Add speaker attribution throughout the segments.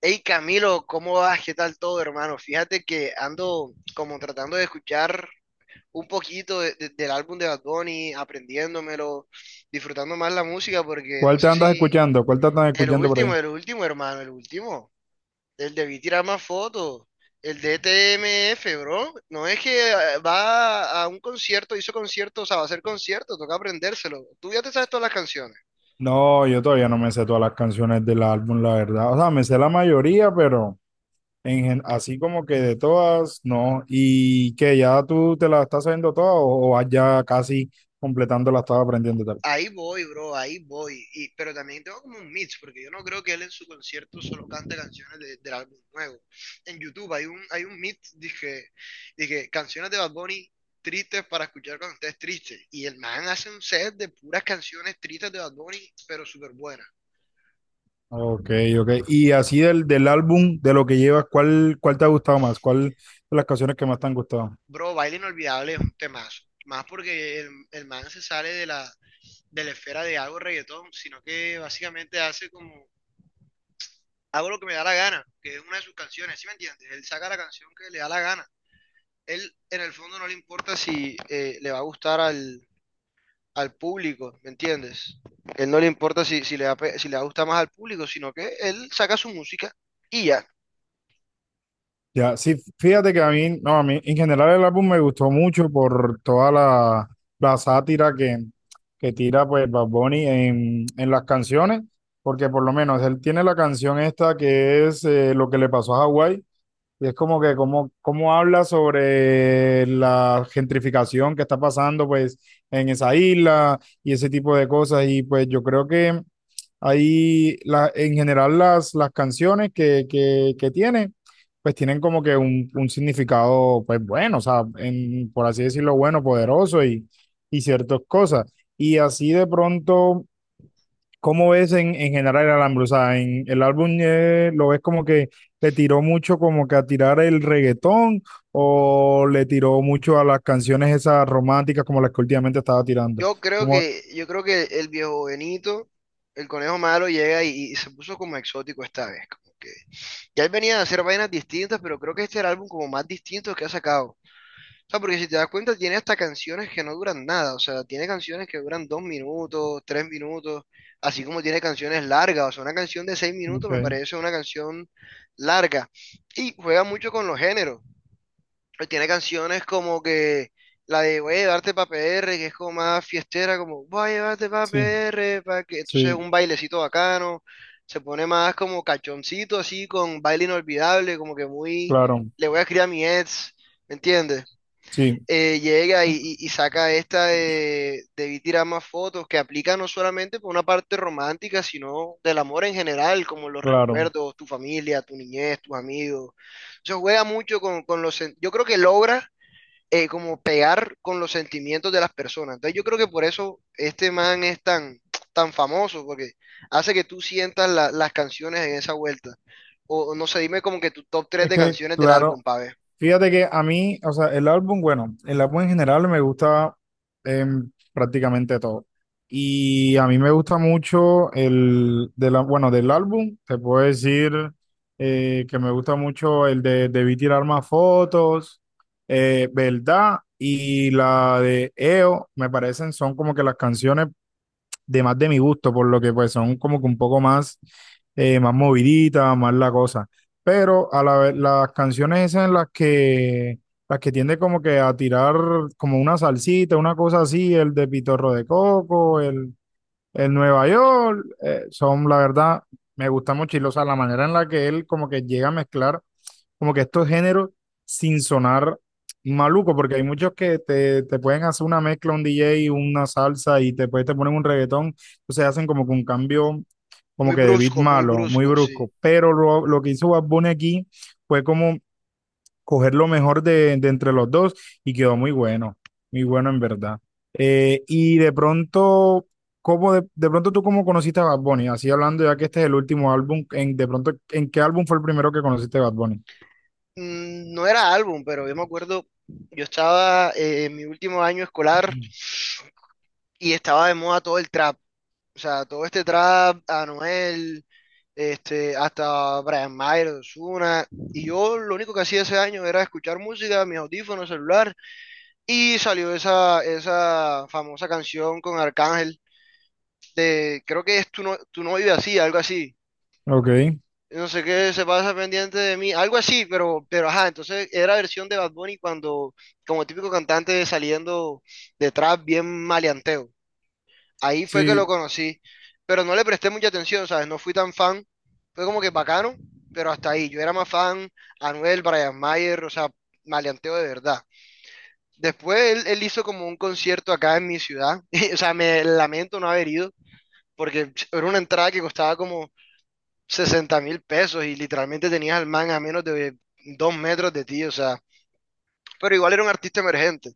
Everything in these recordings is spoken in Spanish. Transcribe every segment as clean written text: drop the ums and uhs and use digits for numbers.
Speaker 1: Hey Camilo, ¿cómo vas? ¿Qué tal todo, hermano? Fíjate que ando como tratando de escuchar un poquito del álbum de Bad Bunny, aprendiéndomelo, disfrutando más la música, porque no
Speaker 2: ¿Cuál te
Speaker 1: sé
Speaker 2: andas
Speaker 1: si
Speaker 2: escuchando? ¿Cuál te andas
Speaker 1: el
Speaker 2: escuchando por
Speaker 1: último,
Speaker 2: ahí?
Speaker 1: el último, hermano, el último, el de Vi tirar más fotos, el de TMF, bro. No es que va a un concierto, hizo concierto, o sea, va a hacer concierto, toca aprendérselo. Tú ya te sabes todas las canciones.
Speaker 2: No, yo todavía no me sé todas las canciones del álbum, la verdad. O sea, me sé la mayoría, pero así como que de todas, no. ¿Y que ya tú te las estás sabiendo todas o vas ya casi completando las estás aprendiendo y tal?
Speaker 1: Ahí voy, bro, ahí voy. Pero también tengo como un mix, porque yo no creo que él en su concierto solo cante canciones de, del álbum nuevo. En YouTube hay un mix, dije, canciones de Bad Bunny tristes para escuchar cuando estés triste. Y el man hace un set de puras canciones tristes de Bad Bunny, pero súper buenas.
Speaker 2: Ok, ok. Y así del álbum, de lo que llevas, ¿cuál te ha gustado más? ¿Cuál de las canciones que más te han gustado?
Speaker 1: Bro, Baile Inolvidable es un temazo. Más porque el man se sale de la esfera de algo reggaetón, sino que básicamente hace como hago lo que me da la gana, que es una de sus canciones, ¿sí me entiendes? Él saca la canción que le da la gana. Él en el fondo no le importa si le va a gustar al, al público, ¿me entiendes? Él no le importa si, si le va, si le va a gustar más al público, sino que él saca su música y ya.
Speaker 2: Ya, sí, fíjate que a mí, no, a mí en general el álbum me gustó mucho por toda la sátira que tira pues Bad Bunny en las canciones, porque por lo menos él tiene la canción esta que es Lo que le pasó a Hawái, y es como que como cómo habla sobre la gentrificación que está pasando pues en esa isla y ese tipo de cosas. Y pues yo creo que en general las canciones que tiene pues tienen como que un significado pues bueno, o sea, por así decirlo, bueno, poderoso y ciertas cosas. Y así de pronto, ¿cómo ves en general el álbum? O sea, en el álbum lo ves como que le tiró mucho como que a tirar el reggaetón o le tiró mucho a las canciones esas románticas como las que últimamente estaba tirando.
Speaker 1: Yo creo
Speaker 2: Como,
Speaker 1: que, yo creo que el viejo Benito, el conejo malo, llega y se puso como exótico esta vez. Como que ya él venía a hacer vainas distintas, pero creo que este era el álbum como más distinto que ha sacado. O sea, porque si te das cuenta, tiene hasta canciones que no duran nada. O sea, tiene canciones que duran 2 minutos, 3 minutos, así como tiene canciones largas. O sea, una canción de 6 minutos me
Speaker 2: ok,
Speaker 1: parece una canción larga. Y juega mucho con los géneros. Tiene canciones como que la de Voy a llevarte pa' PR. Que es como más fiestera, como Voy a llevarte pa' P
Speaker 2: sí,
Speaker 1: R. pa' que... Entonces
Speaker 2: sí,
Speaker 1: un bailecito bacano. Se pone más como cachoncito, así, con baile inolvidable, como que muy...
Speaker 2: claro,
Speaker 1: Le voy a escribir a mi ex, ¿me entiendes?
Speaker 2: sí,
Speaker 1: Llega y, y saca esta de debí tirar más fotos, que aplica no solamente por una parte romántica, sino del amor en general, como los
Speaker 2: claro.
Speaker 1: recuerdos, tu familia, tu niñez, tus amigos. Se juega mucho con los... Yo creo que logra como pegar con los sentimientos de las personas. Entonces yo creo que por eso este man es tan, tan famoso, porque hace que tú sientas las canciones en esa vuelta. O no sé, dime como que tu top 3
Speaker 2: Es
Speaker 1: de
Speaker 2: que,
Speaker 1: canciones del álbum,
Speaker 2: claro,
Speaker 1: pa' ver.
Speaker 2: fíjate que a mí, o sea, el álbum, bueno, el álbum en general me gusta prácticamente todo. Y a mí me gusta mucho el, de la, bueno, del álbum, te puedo decir que me gusta mucho el de Debí tirar más fotos, ¿verdad? Y la de EO, me parecen, son como que las canciones de más de mi gusto, por lo que pues son como que un poco más, más moviditas, más la cosa. Pero a la vez, las canciones esas en las que tiende como que a tirar como una salsita, una cosa así, el de Pitorro de Coco, el Nueva York, son la verdad, me gusta mucho y, o sea, la manera en la que él como que llega a mezclar como que estos géneros sin sonar maluco, porque hay muchos que te pueden hacer una mezcla, un DJ, una salsa y después te ponen un reggaetón, entonces hacen como que un cambio como que de beat
Speaker 1: Muy
Speaker 2: malo, muy
Speaker 1: brusco, sí.
Speaker 2: brusco, pero lo que hizo Bad Bunny aquí fue como coger lo mejor de entre los dos y quedó muy bueno, muy bueno en verdad. Y de pronto, ¿cómo de pronto tú cómo conociste a Bad Bunny? Así hablando ya que este es el último álbum, de pronto, ¿en qué álbum fue el primero que conociste a Bad Bunny?
Speaker 1: No era álbum, pero yo me acuerdo, yo estaba en mi último año escolar y estaba de moda todo el trap. O sea, todo este trap, Anuel, este, hasta Brian Mayer, Ozuna. Y yo lo único que hacía ese año era escuchar música, mis audífonos, celular. Y salió esa famosa canción con Arcángel de, creo que es tú no vives así, algo así.
Speaker 2: Ok.
Speaker 1: No sé qué se pasa pendiente de mí, algo así, pero ajá, entonces era versión de Bad Bunny cuando, como típico cantante saliendo de trap bien maleanteo. Ahí fue que lo
Speaker 2: Sí,
Speaker 1: conocí, pero no le presté mucha atención, ¿sabes? No fui tan fan, fue como que bacano, pero hasta ahí. Yo era más fan Anuel, Brian Mayer, o sea, maleanteo de verdad. Después él hizo como un concierto acá en mi ciudad, o sea, me lamento no haber ido, porque era una entrada que costaba como 60.000 pesos y literalmente tenías al man a menos de 2 metros de ti, o sea, pero igual era un artista emergente.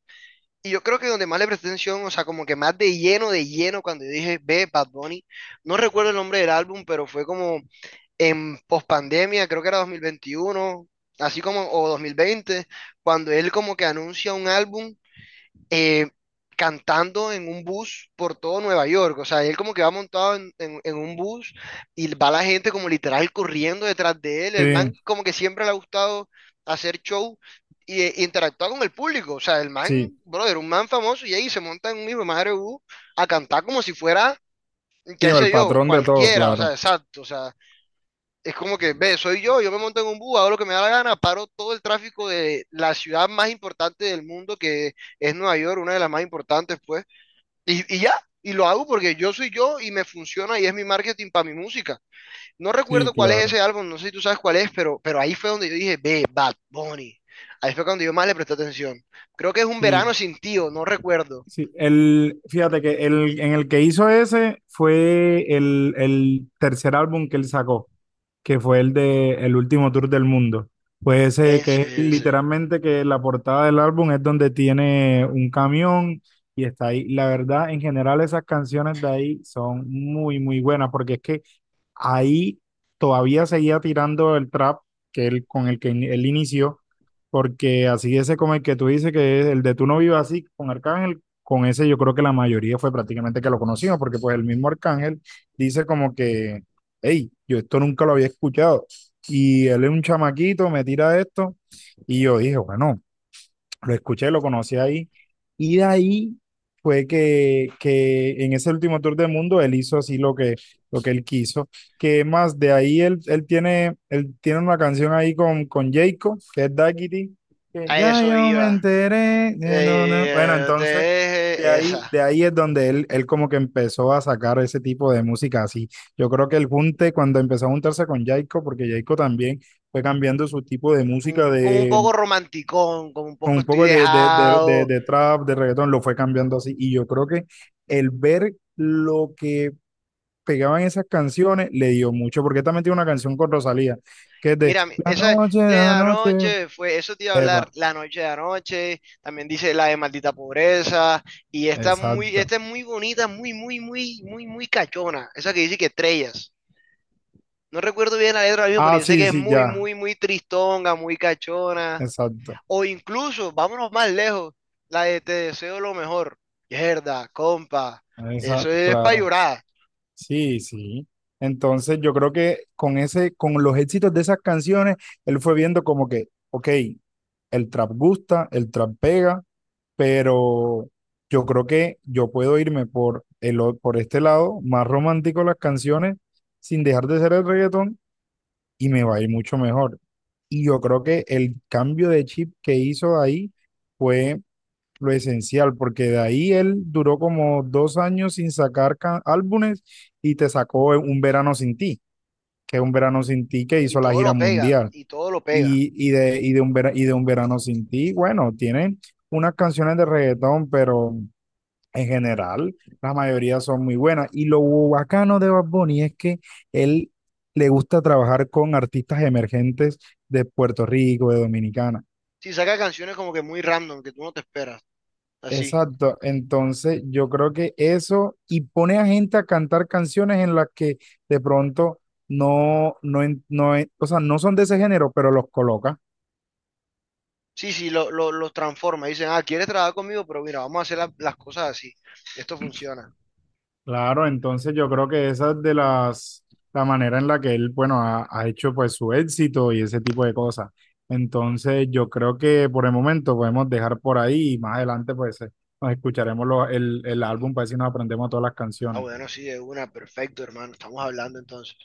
Speaker 1: Y yo creo que donde más le presté atención, o sea, como que más de lleno, cuando yo dije, ve, Bad Bunny, no recuerdo el nombre del álbum, pero fue como en pospandemia, creo que era 2021 así como, o 2020 cuando él como que anuncia un álbum eh, cantando en un bus por todo Nueva York. O sea, él como que va montado en un bus y va la gente como literal corriendo detrás de él.
Speaker 2: sí,
Speaker 1: El man como que siempre le ha gustado hacer show y interactuar con el público. O sea, el
Speaker 2: sí,
Speaker 1: man, brother, un man famoso y ahí se monta en un hijo de madre bus a cantar como si fuera,
Speaker 2: sí,
Speaker 1: qué
Speaker 2: o el
Speaker 1: sé yo,
Speaker 2: patrón de todo,
Speaker 1: cualquiera. O
Speaker 2: claro.
Speaker 1: sea, exacto. O sea, es como que, ve, soy yo, yo me monto en un bus, hago lo que me da la gana, paro todo el tráfico de la ciudad más importante del mundo, que es Nueva York, una de las más importantes, pues, y ya, y lo hago porque yo soy yo y me funciona y es mi marketing para mi música. No
Speaker 2: Sí,
Speaker 1: recuerdo cuál es
Speaker 2: claro.
Speaker 1: ese álbum, no sé si tú sabes cuál es, pero ahí fue donde yo dije, ve, Bad Bunny. Ahí fue cuando yo más le presté atención. Creo que es un
Speaker 2: Sí,
Speaker 1: verano sin tío, no recuerdo.
Speaker 2: sí. Fíjate que en el que hizo ese fue el tercer álbum que él sacó, que fue el de El último tour del mundo. Pues ese
Speaker 1: Ese,
Speaker 2: que es
Speaker 1: ese.
Speaker 2: literalmente que la portada del álbum es donde tiene un camión y está ahí. La verdad, en general esas canciones de ahí son muy, muy buenas porque es que ahí todavía seguía tirando el trap con el que él inició, porque así ese como el que tú dices que es el de Tú no vivas así con Arcángel, con ese yo creo que la mayoría fue prácticamente que lo conocimos porque pues el mismo Arcángel dice como que hey, yo esto nunca lo había escuchado. Y él es un chamaquito, me tira esto. Y yo dije, bueno, lo escuché, lo conocí ahí. Y de ahí fue que en ese último tour del mundo él hizo así lo que él quiso. Que más de ahí él tiene una canción ahí con Jayco, que es Daquiti, que
Speaker 1: A
Speaker 2: ya
Speaker 1: eso
Speaker 2: yo me
Speaker 1: iba.
Speaker 2: enteré de no, no. Bueno, entonces
Speaker 1: Esa.
Speaker 2: de ahí es donde él como que empezó a sacar ese tipo de música así. Yo creo que el junte, cuando empezó a juntarse con Jayco, porque Jayco también fue cambiando su tipo de música
Speaker 1: Como, como un
Speaker 2: de
Speaker 1: poco romanticón, como un
Speaker 2: con
Speaker 1: poco
Speaker 2: un
Speaker 1: estoy
Speaker 2: poco de, de, de, de,
Speaker 1: dejado.
Speaker 2: de trap, de reggaetón, lo fue cambiando así. Y yo creo que el ver lo que pegaban esas canciones le dio mucho, porque también tiene una canción con Rosalía, que es de
Speaker 1: Mira,
Speaker 2: La
Speaker 1: esa es
Speaker 2: noche,
Speaker 1: la de
Speaker 2: la noche.
Speaker 1: anoche, fue, eso te iba a hablar,
Speaker 2: Epa,
Speaker 1: la noche de anoche, también dice la de maldita pobreza, y esta muy,
Speaker 2: exacto.
Speaker 1: esta es muy bonita, muy, muy, muy, muy, muy cachona, esa que dice que estrellas. No recuerdo bien la letra ahora mismo, pero
Speaker 2: Ah,
Speaker 1: yo sé
Speaker 2: sí,
Speaker 1: que es
Speaker 2: sí,
Speaker 1: muy,
Speaker 2: ya,
Speaker 1: muy, muy tristonga, muy cachona.
Speaker 2: exacto.
Speaker 1: O incluso, vámonos más lejos, la de te deseo lo mejor. Mierda, compa,
Speaker 2: Esa,
Speaker 1: eso es para
Speaker 2: claro.
Speaker 1: llorar.
Speaker 2: Sí, sí. Entonces yo creo que con ese, con los éxitos de esas canciones, él fue viendo como que, ok, el trap gusta, el trap pega, pero yo creo que yo puedo irme por, por este lado más romántico de las canciones sin dejar de ser el reggaetón y me va a ir mucho mejor. Y yo creo que el cambio de chip que hizo ahí fue lo esencial, porque de ahí él duró como 2 años sin sacar álbumes y te sacó Un Verano Sin Ti, que es Un Verano Sin Ti que
Speaker 1: Y
Speaker 2: hizo la
Speaker 1: todo lo
Speaker 2: gira
Speaker 1: pega,
Speaker 2: mundial.
Speaker 1: y todo lo pega.
Speaker 2: Y de Un Verano Sin Ti, bueno, tiene unas canciones de reggaetón, pero en general, la mayoría son muy buenas. Y lo bacano de Bad Bunny es que él le gusta trabajar con artistas emergentes de Puerto Rico, de Dominicana.
Speaker 1: Sí, saca canciones como que muy random, que tú no te esperas, así.
Speaker 2: Exacto. Entonces, yo creo que eso y pone a gente a cantar canciones en las que de pronto o sea, no son de ese género, pero los coloca.
Speaker 1: Sí, sí, los transforma. Dicen, ah, ¿quieres trabajar conmigo? Pero mira, vamos a hacer las cosas así. Esto funciona.
Speaker 2: Claro, entonces yo creo que esa es la manera en la que él, bueno, ha hecho pues su éxito y ese tipo de cosas. Entonces yo creo que por el momento podemos dejar por ahí y más adelante pues nos escucharemos el álbum para ver si nos aprendemos todas las
Speaker 1: Ah,
Speaker 2: canciones.
Speaker 1: bueno, sí, de una, perfecto, hermano. Estamos hablando entonces.